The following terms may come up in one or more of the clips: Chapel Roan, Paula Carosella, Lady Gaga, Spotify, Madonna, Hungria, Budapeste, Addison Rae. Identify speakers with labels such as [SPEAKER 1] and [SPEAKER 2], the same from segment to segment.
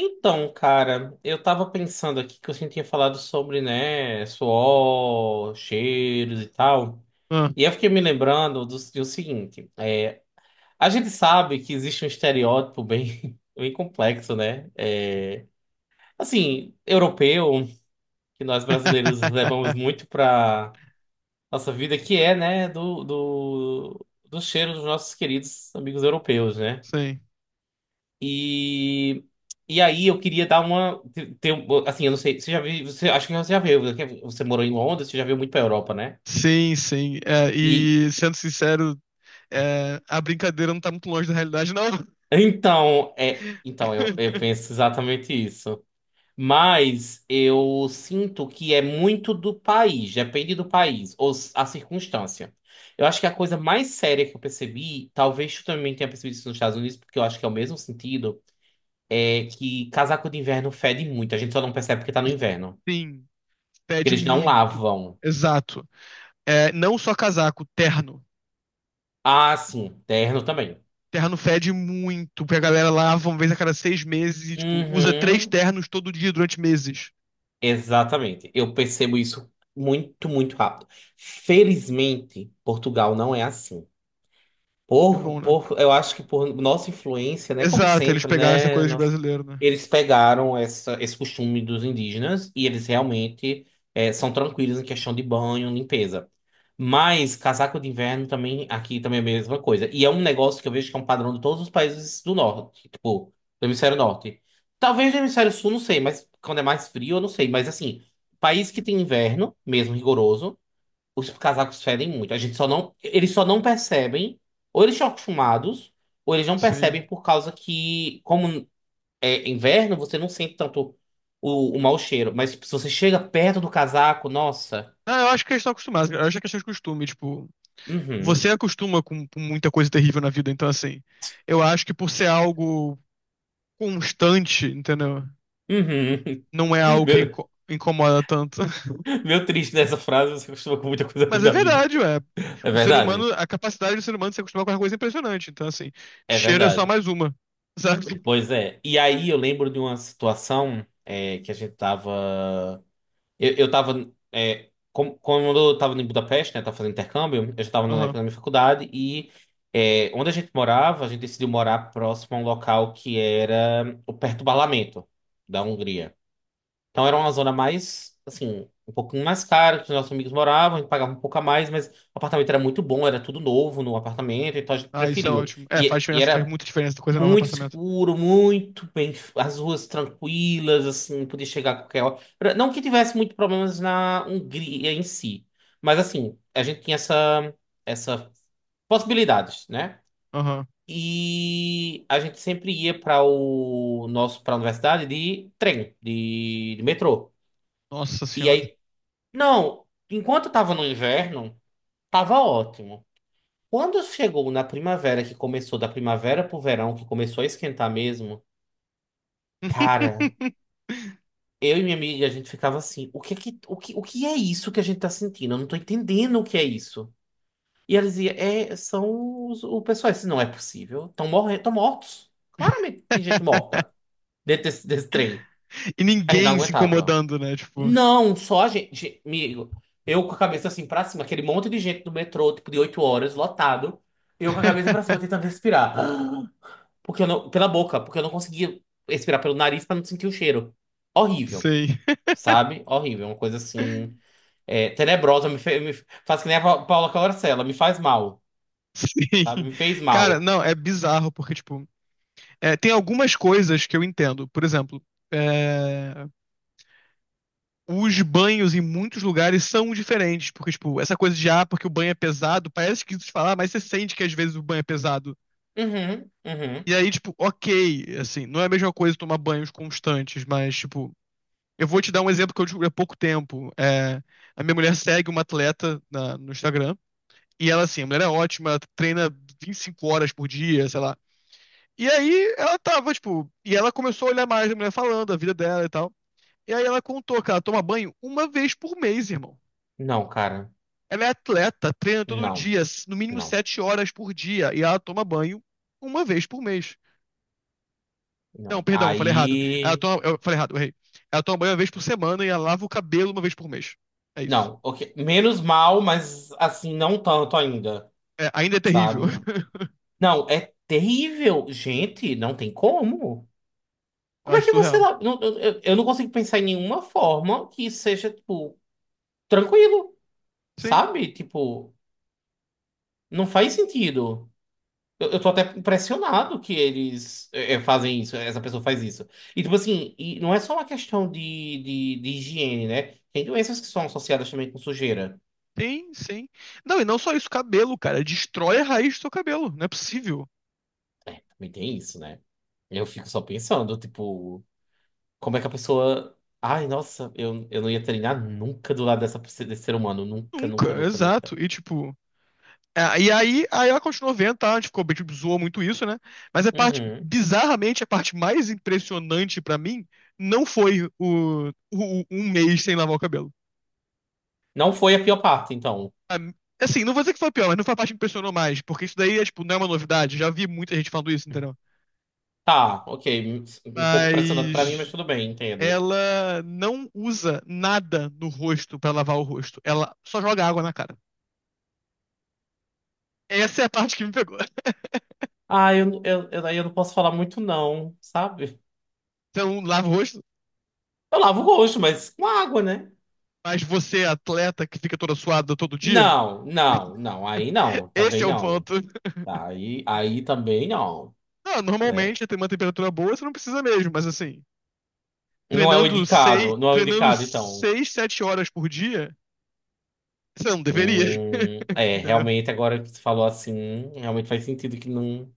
[SPEAKER 1] Então, cara, eu tava pensando aqui que você tinha falado sobre, né, suor, cheiros e tal.
[SPEAKER 2] Ah,
[SPEAKER 1] E eu fiquei me lembrando do seguinte, a gente sabe que existe um estereótipo bem, bem complexo, né? Assim, europeu, que nós brasileiros levamos muito pra nossa vida, que é, né, do cheiro dos nossos queridos amigos europeus, né?
[SPEAKER 2] sim.
[SPEAKER 1] E, e aí eu queria dar uma. Ter, assim, eu não sei. Você já viu. Acho que você já viu. Você morou em Londres, você já viu muito pra Europa, né?
[SPEAKER 2] Sim, sim. É,
[SPEAKER 1] E
[SPEAKER 2] e sendo sincero, a brincadeira não tá muito longe da realidade, não.
[SPEAKER 1] então, então eu penso exatamente isso. Mas eu sinto que é muito do país, depende do país, ou a circunstância. Eu acho que a coisa mais séria que eu percebi, talvez tu também tenha percebido isso nos Estados Unidos, porque eu acho que é o mesmo sentido, é que casaco de inverno fede muito. A gente só não percebe porque tá no inverno.
[SPEAKER 2] Sim,
[SPEAKER 1] Porque
[SPEAKER 2] fede
[SPEAKER 1] eles não
[SPEAKER 2] muito.
[SPEAKER 1] lavam.
[SPEAKER 2] Exato. É, não só casaco, terno.
[SPEAKER 1] Ah, sim, terno também.
[SPEAKER 2] Terno fede muito, porque a galera lava uma vez a cada 6 meses e, tipo, usa três
[SPEAKER 1] Uhum,
[SPEAKER 2] ternos todo dia durante meses.
[SPEAKER 1] exatamente. Eu percebo isso muito, muito rápido. Felizmente, Portugal não é assim.
[SPEAKER 2] É bom, né?
[SPEAKER 1] Eu acho que por nossa influência, né? Como
[SPEAKER 2] Exato, eles
[SPEAKER 1] sempre,
[SPEAKER 2] pegaram essa
[SPEAKER 1] né?
[SPEAKER 2] coisa de brasileiro, né?
[SPEAKER 1] Eles pegaram esse costume dos indígenas e eles realmente são tranquilos em questão de banho, limpeza. Mas casaco de inverno também, aqui também é a mesma coisa. E é um negócio que eu vejo que é um padrão de todos os países do norte, tipo, do hemisfério norte. Talvez do hemisfério sul, não sei, mas quando é mais frio, eu não sei. Mas assim, país que tem inverno, mesmo rigoroso. Os casacos fedem muito. A gente só não, eles só não percebem, ou eles estão acostumados, ou eles não
[SPEAKER 2] Sim.
[SPEAKER 1] percebem por causa que, como é inverno, você não sente tanto o mau cheiro. Mas tipo, se você chega perto do casaco, nossa.
[SPEAKER 2] Ah, eu acho que eles estão acostumados, cara. Eu acho que é questão de costume, tipo.
[SPEAKER 1] Uhum.
[SPEAKER 2] Você acostuma com muita coisa terrível na vida, então assim, eu acho que por ser algo constante, entendeu?
[SPEAKER 1] Uhum.
[SPEAKER 2] Não é algo que
[SPEAKER 1] Meu,
[SPEAKER 2] incomoda tanto.
[SPEAKER 1] meu triste nessa frase, você acostuma com muita coisa ruim
[SPEAKER 2] Mas é
[SPEAKER 1] da vida.
[SPEAKER 2] verdade, ué.
[SPEAKER 1] É
[SPEAKER 2] O ser
[SPEAKER 1] verdade?
[SPEAKER 2] humano, a capacidade do ser humano de se acostumar com uma coisa é impressionante. Então, assim,
[SPEAKER 1] É
[SPEAKER 2] cheiro é só
[SPEAKER 1] verdade.
[SPEAKER 2] mais uma, sabe?
[SPEAKER 1] Pois é. E aí eu lembro de uma situação que a gente tava. Eu tava. Quando eu tava em Budapeste, né? Tava fazendo intercâmbio, eu já tava na
[SPEAKER 2] Aham.
[SPEAKER 1] época da minha faculdade e onde a gente morava, a gente decidiu morar próximo a um local que era o perto do parlamento da Hungria. Então era uma zona mais, assim, um pouquinho mais cara que os nossos amigos moravam, a gente pagava um pouco a mais, mas o apartamento era muito bom, era tudo novo no apartamento, então a gente
[SPEAKER 2] Ah, isso é
[SPEAKER 1] preferiu.
[SPEAKER 2] ótimo. É, faz
[SPEAKER 1] E
[SPEAKER 2] diferença, faz
[SPEAKER 1] era
[SPEAKER 2] muita diferença, coisa nova no
[SPEAKER 1] muito
[SPEAKER 2] apartamento.
[SPEAKER 1] seguro, muito bem, as ruas tranquilas, assim, podia chegar a qualquer hora. Não que tivesse muito problemas na Hungria em si, mas assim, a gente tinha essa possibilidades, né?
[SPEAKER 2] Aham.
[SPEAKER 1] E a gente sempre ia para o nosso para a universidade de trem, de metrô.
[SPEAKER 2] Nossa
[SPEAKER 1] E
[SPEAKER 2] senhora.
[SPEAKER 1] aí, não, enquanto eu tava no inverno, tava ótimo. Quando chegou na primavera, que começou da primavera pro verão, que começou a esquentar mesmo, cara. Eu e minha amiga, a gente ficava assim, o que é isso que a gente tá sentindo? Eu não tô entendendo o que é isso. E ela dizia, o pessoal, isso não é possível. Estão morrendo, estão mortos. Claramente tem gente morta dentro desse trem.
[SPEAKER 2] E
[SPEAKER 1] A gente não
[SPEAKER 2] ninguém se
[SPEAKER 1] aguentava.
[SPEAKER 2] incomodando, né? Tipo.
[SPEAKER 1] Não, só a gente, gente, amigo. Eu com a cabeça assim pra cima, aquele monte de gente do metrô, tipo de oito horas, lotado. Eu com a cabeça pra cima tentando respirar. Porque eu não, pela boca, porque eu não conseguia respirar pelo nariz pra não sentir o cheiro. Horrível.
[SPEAKER 2] Sei.
[SPEAKER 1] Sabe? Horrível. Uma coisa assim. É, tenebrosa, me faz que nem a Paula Carosella, me faz mal, sabe?
[SPEAKER 2] Sim.
[SPEAKER 1] Me fez
[SPEAKER 2] Cara,
[SPEAKER 1] mal.
[SPEAKER 2] não, é bizarro, porque, tipo, tem algumas coisas que eu entendo. Por exemplo, é, os banhos em muitos lugares são diferentes, porque, tipo, essa coisa de, ah, porque o banho é pesado, parece esquisito de falar, mas você sente que às vezes o banho é pesado.
[SPEAKER 1] Uhum, uhum.
[SPEAKER 2] E aí, tipo, ok, assim, não é a mesma coisa tomar banhos constantes, mas, tipo, eu vou te dar um exemplo que eu descobri há pouco tempo. A minha mulher segue uma atleta no Instagram, e ela, assim, a mulher é ótima, ela treina 25 horas por dia, sei lá. E aí ela tava, tipo, e ela começou a olhar mais a mulher falando, a vida dela e tal. E aí ela contou que ela toma banho uma vez por mês, irmão.
[SPEAKER 1] Não, cara.
[SPEAKER 2] Ela é atleta, treina todo
[SPEAKER 1] Não,
[SPEAKER 2] dia, no mínimo
[SPEAKER 1] não,
[SPEAKER 2] 7 horas por dia, e ela toma banho uma vez por mês.
[SPEAKER 1] não.
[SPEAKER 2] Não, perdão, eu falei errado.
[SPEAKER 1] Aí.
[SPEAKER 2] Eu falei errado, eu errei. Ela toma banho uma vez por semana e ela lava o cabelo uma vez por mês. É isso.
[SPEAKER 1] Não, ok. Menos mal, mas assim, não tanto ainda,
[SPEAKER 2] É, ainda é terrível.
[SPEAKER 1] sabe? Não, é terrível. Gente, não tem como.
[SPEAKER 2] Eu
[SPEAKER 1] Como é
[SPEAKER 2] acho
[SPEAKER 1] que você.
[SPEAKER 2] surreal.
[SPEAKER 1] Eu não consigo pensar em nenhuma forma que seja, tipo, tranquilo,
[SPEAKER 2] Sim,
[SPEAKER 1] sabe? Tipo, não faz sentido. Eu tô até impressionado que eles fazem isso, essa pessoa faz isso. E, tipo assim, e não é só uma questão de higiene, né? Tem doenças que são associadas também com sujeira.
[SPEAKER 2] sim, sim. Não, e não só isso, cabelo, cara. Destrói a raiz do seu cabelo. Não é possível.
[SPEAKER 1] É, também tem isso, né? Eu fico só pensando, tipo, como é que a pessoa. Ai, nossa, eu não ia treinar nunca do lado desse ser humano. Nunca, nunca,
[SPEAKER 2] Nunca,
[SPEAKER 1] nunca, nunca.
[SPEAKER 2] exato. E tipo. É, e aí ela continuou vendo, tá? A gente ficou, tipo, zoou muito isso, né? Mas a parte,
[SPEAKER 1] Uhum.
[SPEAKER 2] bizarramente, a parte mais impressionante pra mim não foi um mês sem lavar o cabelo.
[SPEAKER 1] Não foi a pior parte, então.
[SPEAKER 2] A- Assim, não vou dizer que foi pior, mas não foi a parte que impressionou mais, porque isso daí é, tipo, não é uma novidade. Já vi muita gente falando isso, entendeu?
[SPEAKER 1] Tá, ok. Um um pouco impressionante pra mim,
[SPEAKER 2] Mas
[SPEAKER 1] mas tudo bem, entendo.
[SPEAKER 2] ela não usa nada no rosto pra lavar o rosto. Ela só joga água na cara. Essa é a parte que me pegou.
[SPEAKER 1] Eu, daí eu não posso falar muito, não, sabe?
[SPEAKER 2] Então, lava o rosto,
[SPEAKER 1] Eu lavo o rosto, mas com água, né?
[SPEAKER 2] mas você, atleta, que fica toda suada todo dia.
[SPEAKER 1] Não, não, não. Aí não,
[SPEAKER 2] Esse
[SPEAKER 1] também
[SPEAKER 2] é o
[SPEAKER 1] não.
[SPEAKER 2] ponto.
[SPEAKER 1] Tá, Aí, aí também não.
[SPEAKER 2] Não,
[SPEAKER 1] né?
[SPEAKER 2] normalmente tem uma temperatura boa, você não precisa mesmo, mas assim,
[SPEAKER 1] Não é o indicado, não é o
[SPEAKER 2] treinando
[SPEAKER 1] indicado, então.
[SPEAKER 2] 6, 7 horas por dia, você não deveria,
[SPEAKER 1] É,
[SPEAKER 2] entendeu?
[SPEAKER 1] realmente, agora que você falou assim, realmente faz sentido que não,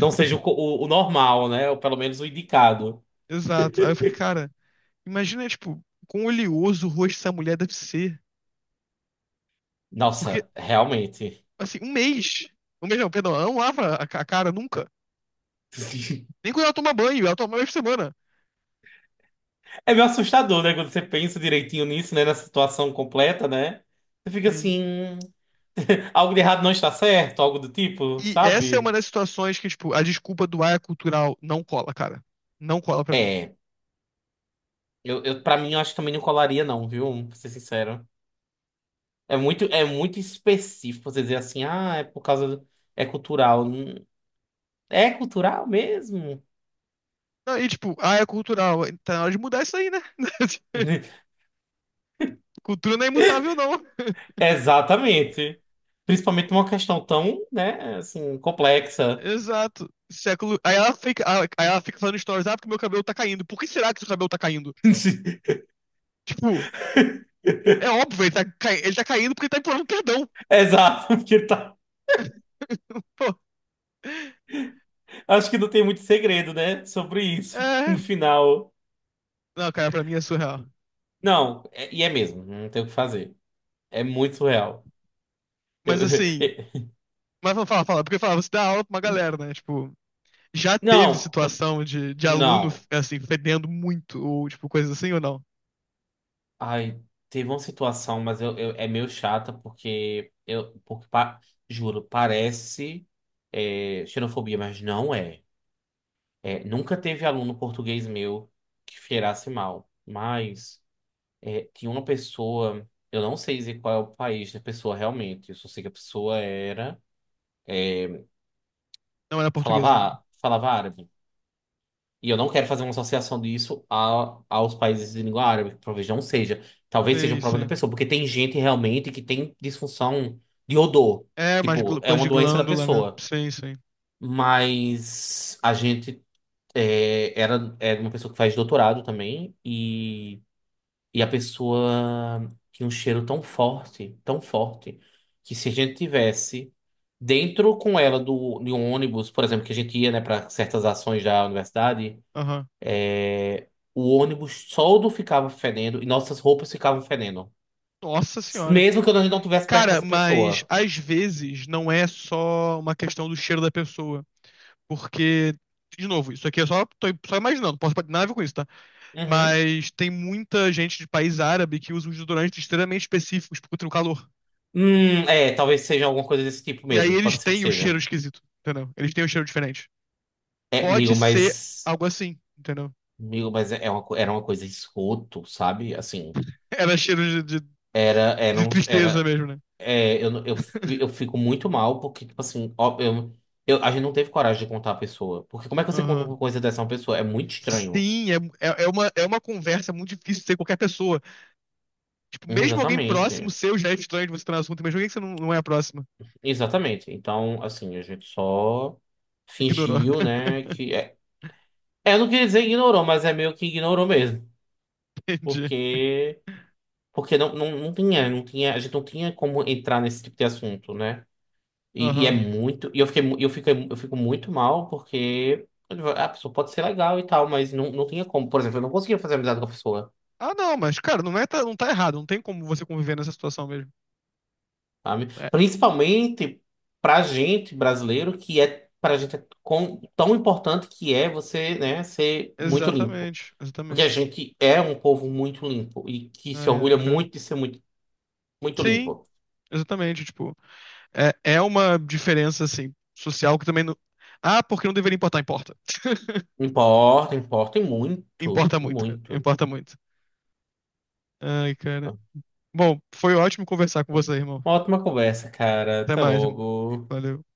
[SPEAKER 1] não seja o normal, né? Ou pelo menos o indicado.
[SPEAKER 2] Exato. Aí eu fiquei, cara, imagina, tipo, quão oleoso o rosto dessa mulher deve ser. Porque,
[SPEAKER 1] Nossa, realmente.
[SPEAKER 2] assim, um mês. Um mês não, perdão, ela não lava a a cara nunca. Nem quando ela toma banho, ela toma uma vez por semana.
[SPEAKER 1] É meio assustador, né? Quando você pensa direitinho nisso, né? Na situação completa, né? Você fica
[SPEAKER 2] Sim.
[SPEAKER 1] assim, algo de errado não está certo, algo do tipo,
[SPEAKER 2] E essa é uma
[SPEAKER 1] sabe?
[SPEAKER 2] das situações que, tipo, a desculpa do ar é cultural não cola, cara. Não cola pra mim.
[SPEAKER 1] É, eu para mim eu acho que também não colaria não, viu? Pra ser sincero. É muito específico você dizer assim, ah, é por causa é cultural. É cultural mesmo?
[SPEAKER 2] Não, e tipo, ah, é cultural. Tá na hora de mudar isso aí, né? Cultura não é imutável, não.
[SPEAKER 1] Exatamente. Principalmente uma questão tão, né, assim, complexa.
[SPEAKER 2] Exato. Século. Aí ela fica falando stories, ah, porque meu cabelo tá caindo. Por que será que seu cabelo tá caindo? Tipo, é óbvio, ele tá caindo porque ele tá implorando perdão.
[SPEAKER 1] Exato, porque tá,
[SPEAKER 2] Pô.
[SPEAKER 1] acho que não tem muito segredo, né, sobre isso no
[SPEAKER 2] É.
[SPEAKER 1] final.
[SPEAKER 2] Não, cara, pra mim é surreal.
[SPEAKER 1] Não, e é mesmo, não tem o que fazer. É muito surreal. Eu-
[SPEAKER 2] Mas assim, mas fala, fala, fala, porque fala, você dá aula pra uma galera, né? Tipo, já teve
[SPEAKER 1] não,
[SPEAKER 2] situação de, aluno,
[SPEAKER 1] não.
[SPEAKER 2] assim, fedendo muito, ou tipo, coisa assim, ou não?
[SPEAKER 1] Ai, teve uma situação, mas é meio chata porque juro, parece xenofobia, mas não é. É, nunca teve aluno português meu que cheirasse mal, mas é, tinha uma pessoa, eu não sei dizer qual é o país da pessoa realmente, eu só sei que a pessoa era
[SPEAKER 2] Não era
[SPEAKER 1] falava
[SPEAKER 2] portuguesa, né?
[SPEAKER 1] falava árabe. E eu não quero fazer uma associação disso a, aos países de língua árabe, que talvez não seja. Talvez seja um
[SPEAKER 2] Sim,
[SPEAKER 1] problema da
[SPEAKER 2] sim.
[SPEAKER 1] pessoa, porque tem gente realmente que tem disfunção de odor.
[SPEAKER 2] É, mais
[SPEAKER 1] Tipo, é
[SPEAKER 2] coisa
[SPEAKER 1] uma
[SPEAKER 2] de
[SPEAKER 1] doença da
[SPEAKER 2] glândula, né?
[SPEAKER 1] pessoa.
[SPEAKER 2] Sim, sim.
[SPEAKER 1] Mas a gente era uma pessoa que faz doutorado também, e a pessoa tinha um cheiro tão forte, que se a gente tivesse dentro com ela de um ônibus, por exemplo, que a gente ia, né, para certas ações da universidade.
[SPEAKER 2] Aham.
[SPEAKER 1] O ônibus todo ficava fedendo e nossas roupas ficavam fedendo.
[SPEAKER 2] Nossa senhora.
[SPEAKER 1] Mesmo que a gente não estivesse perto
[SPEAKER 2] Cara,
[SPEAKER 1] dessa
[SPEAKER 2] mas
[SPEAKER 1] pessoa.
[SPEAKER 2] às vezes não é só uma questão do cheiro da pessoa. Porque, de novo, isso aqui é só, tô só imaginando, não posso ter nada a ver com isso, tá?
[SPEAKER 1] Uhum.
[SPEAKER 2] Mas tem muita gente de país árabe que usa uns desodorantes extremamente específicos contra o calor.
[SPEAKER 1] É, talvez seja alguma coisa desse tipo
[SPEAKER 2] E aí
[SPEAKER 1] mesmo.
[SPEAKER 2] eles
[SPEAKER 1] Pode ser que
[SPEAKER 2] têm o
[SPEAKER 1] seja.
[SPEAKER 2] cheiro esquisito, entendeu? Eles têm o cheiro diferente.
[SPEAKER 1] É,
[SPEAKER 2] Pode
[SPEAKER 1] amigo,
[SPEAKER 2] ser
[SPEAKER 1] mas.
[SPEAKER 2] algo assim, entendeu?
[SPEAKER 1] Amigo, mas é uma, era uma coisa esgoto, sabe? Assim,
[SPEAKER 2] Era cheiro de, de- de tristeza
[SPEAKER 1] era,
[SPEAKER 2] mesmo,
[SPEAKER 1] é, eu, não- eu, fi- eu fico muito mal porque, tipo assim, ó, a gente não teve coragem de contar a pessoa. Porque como é que você conta
[SPEAKER 2] né?
[SPEAKER 1] uma coisa dessa a uma pessoa? É muito estranho.
[SPEAKER 2] Sim, é, é uma conversa muito difícil de ter qualquer pessoa. Tipo, mesmo alguém próximo
[SPEAKER 1] Exatamente.
[SPEAKER 2] seu já é estranho de você estar no assunto, mesmo alguém que você não, não é próximo.
[SPEAKER 1] Exatamente. Então, assim, a gente só
[SPEAKER 2] Ignorou.
[SPEAKER 1] fingiu, né, que... É, é, eu não queria dizer ignorou, mas é meio que ignorou mesmo.
[SPEAKER 2] Entendi.
[SPEAKER 1] Porque... Porque não tinha, não tinha... A gente não tinha como entrar nesse tipo de assunto, né? E é
[SPEAKER 2] Aham.
[SPEAKER 1] muito... E eu fiquei, eu fico muito mal porque... A pessoa pode ser legal e tal, mas não, não tinha como. Por exemplo, eu não conseguia fazer amizade com a pessoa,
[SPEAKER 2] Ah, não, mas, cara, não é, não tá errado. Não tem como você conviver nessa situação mesmo.
[SPEAKER 1] sabe?
[SPEAKER 2] É,
[SPEAKER 1] Principalmente pra gente, brasileiro, Pra gente tão importante que é você, né, ser muito limpo.
[SPEAKER 2] exatamente,
[SPEAKER 1] Porque a
[SPEAKER 2] exatamente.
[SPEAKER 1] gente é um povo muito limpo e que se
[SPEAKER 2] Ai, ai,
[SPEAKER 1] orgulha
[SPEAKER 2] cara.
[SPEAKER 1] muito de ser muito, muito
[SPEAKER 2] Sim,
[SPEAKER 1] limpo.
[SPEAKER 2] exatamente. Tipo, é uma diferença, assim, social que também não. Ah, porque não deveria importar? Importa.
[SPEAKER 1] Importa, importa e muito,
[SPEAKER 2] Importa
[SPEAKER 1] e
[SPEAKER 2] muito, cara.
[SPEAKER 1] muito.
[SPEAKER 2] Importa muito. Ai, cara. Bom, foi ótimo conversar com você, irmão.
[SPEAKER 1] Uma ótima conversa, cara.
[SPEAKER 2] Até
[SPEAKER 1] Até
[SPEAKER 2] mais, irmão.
[SPEAKER 1] logo.
[SPEAKER 2] Valeu.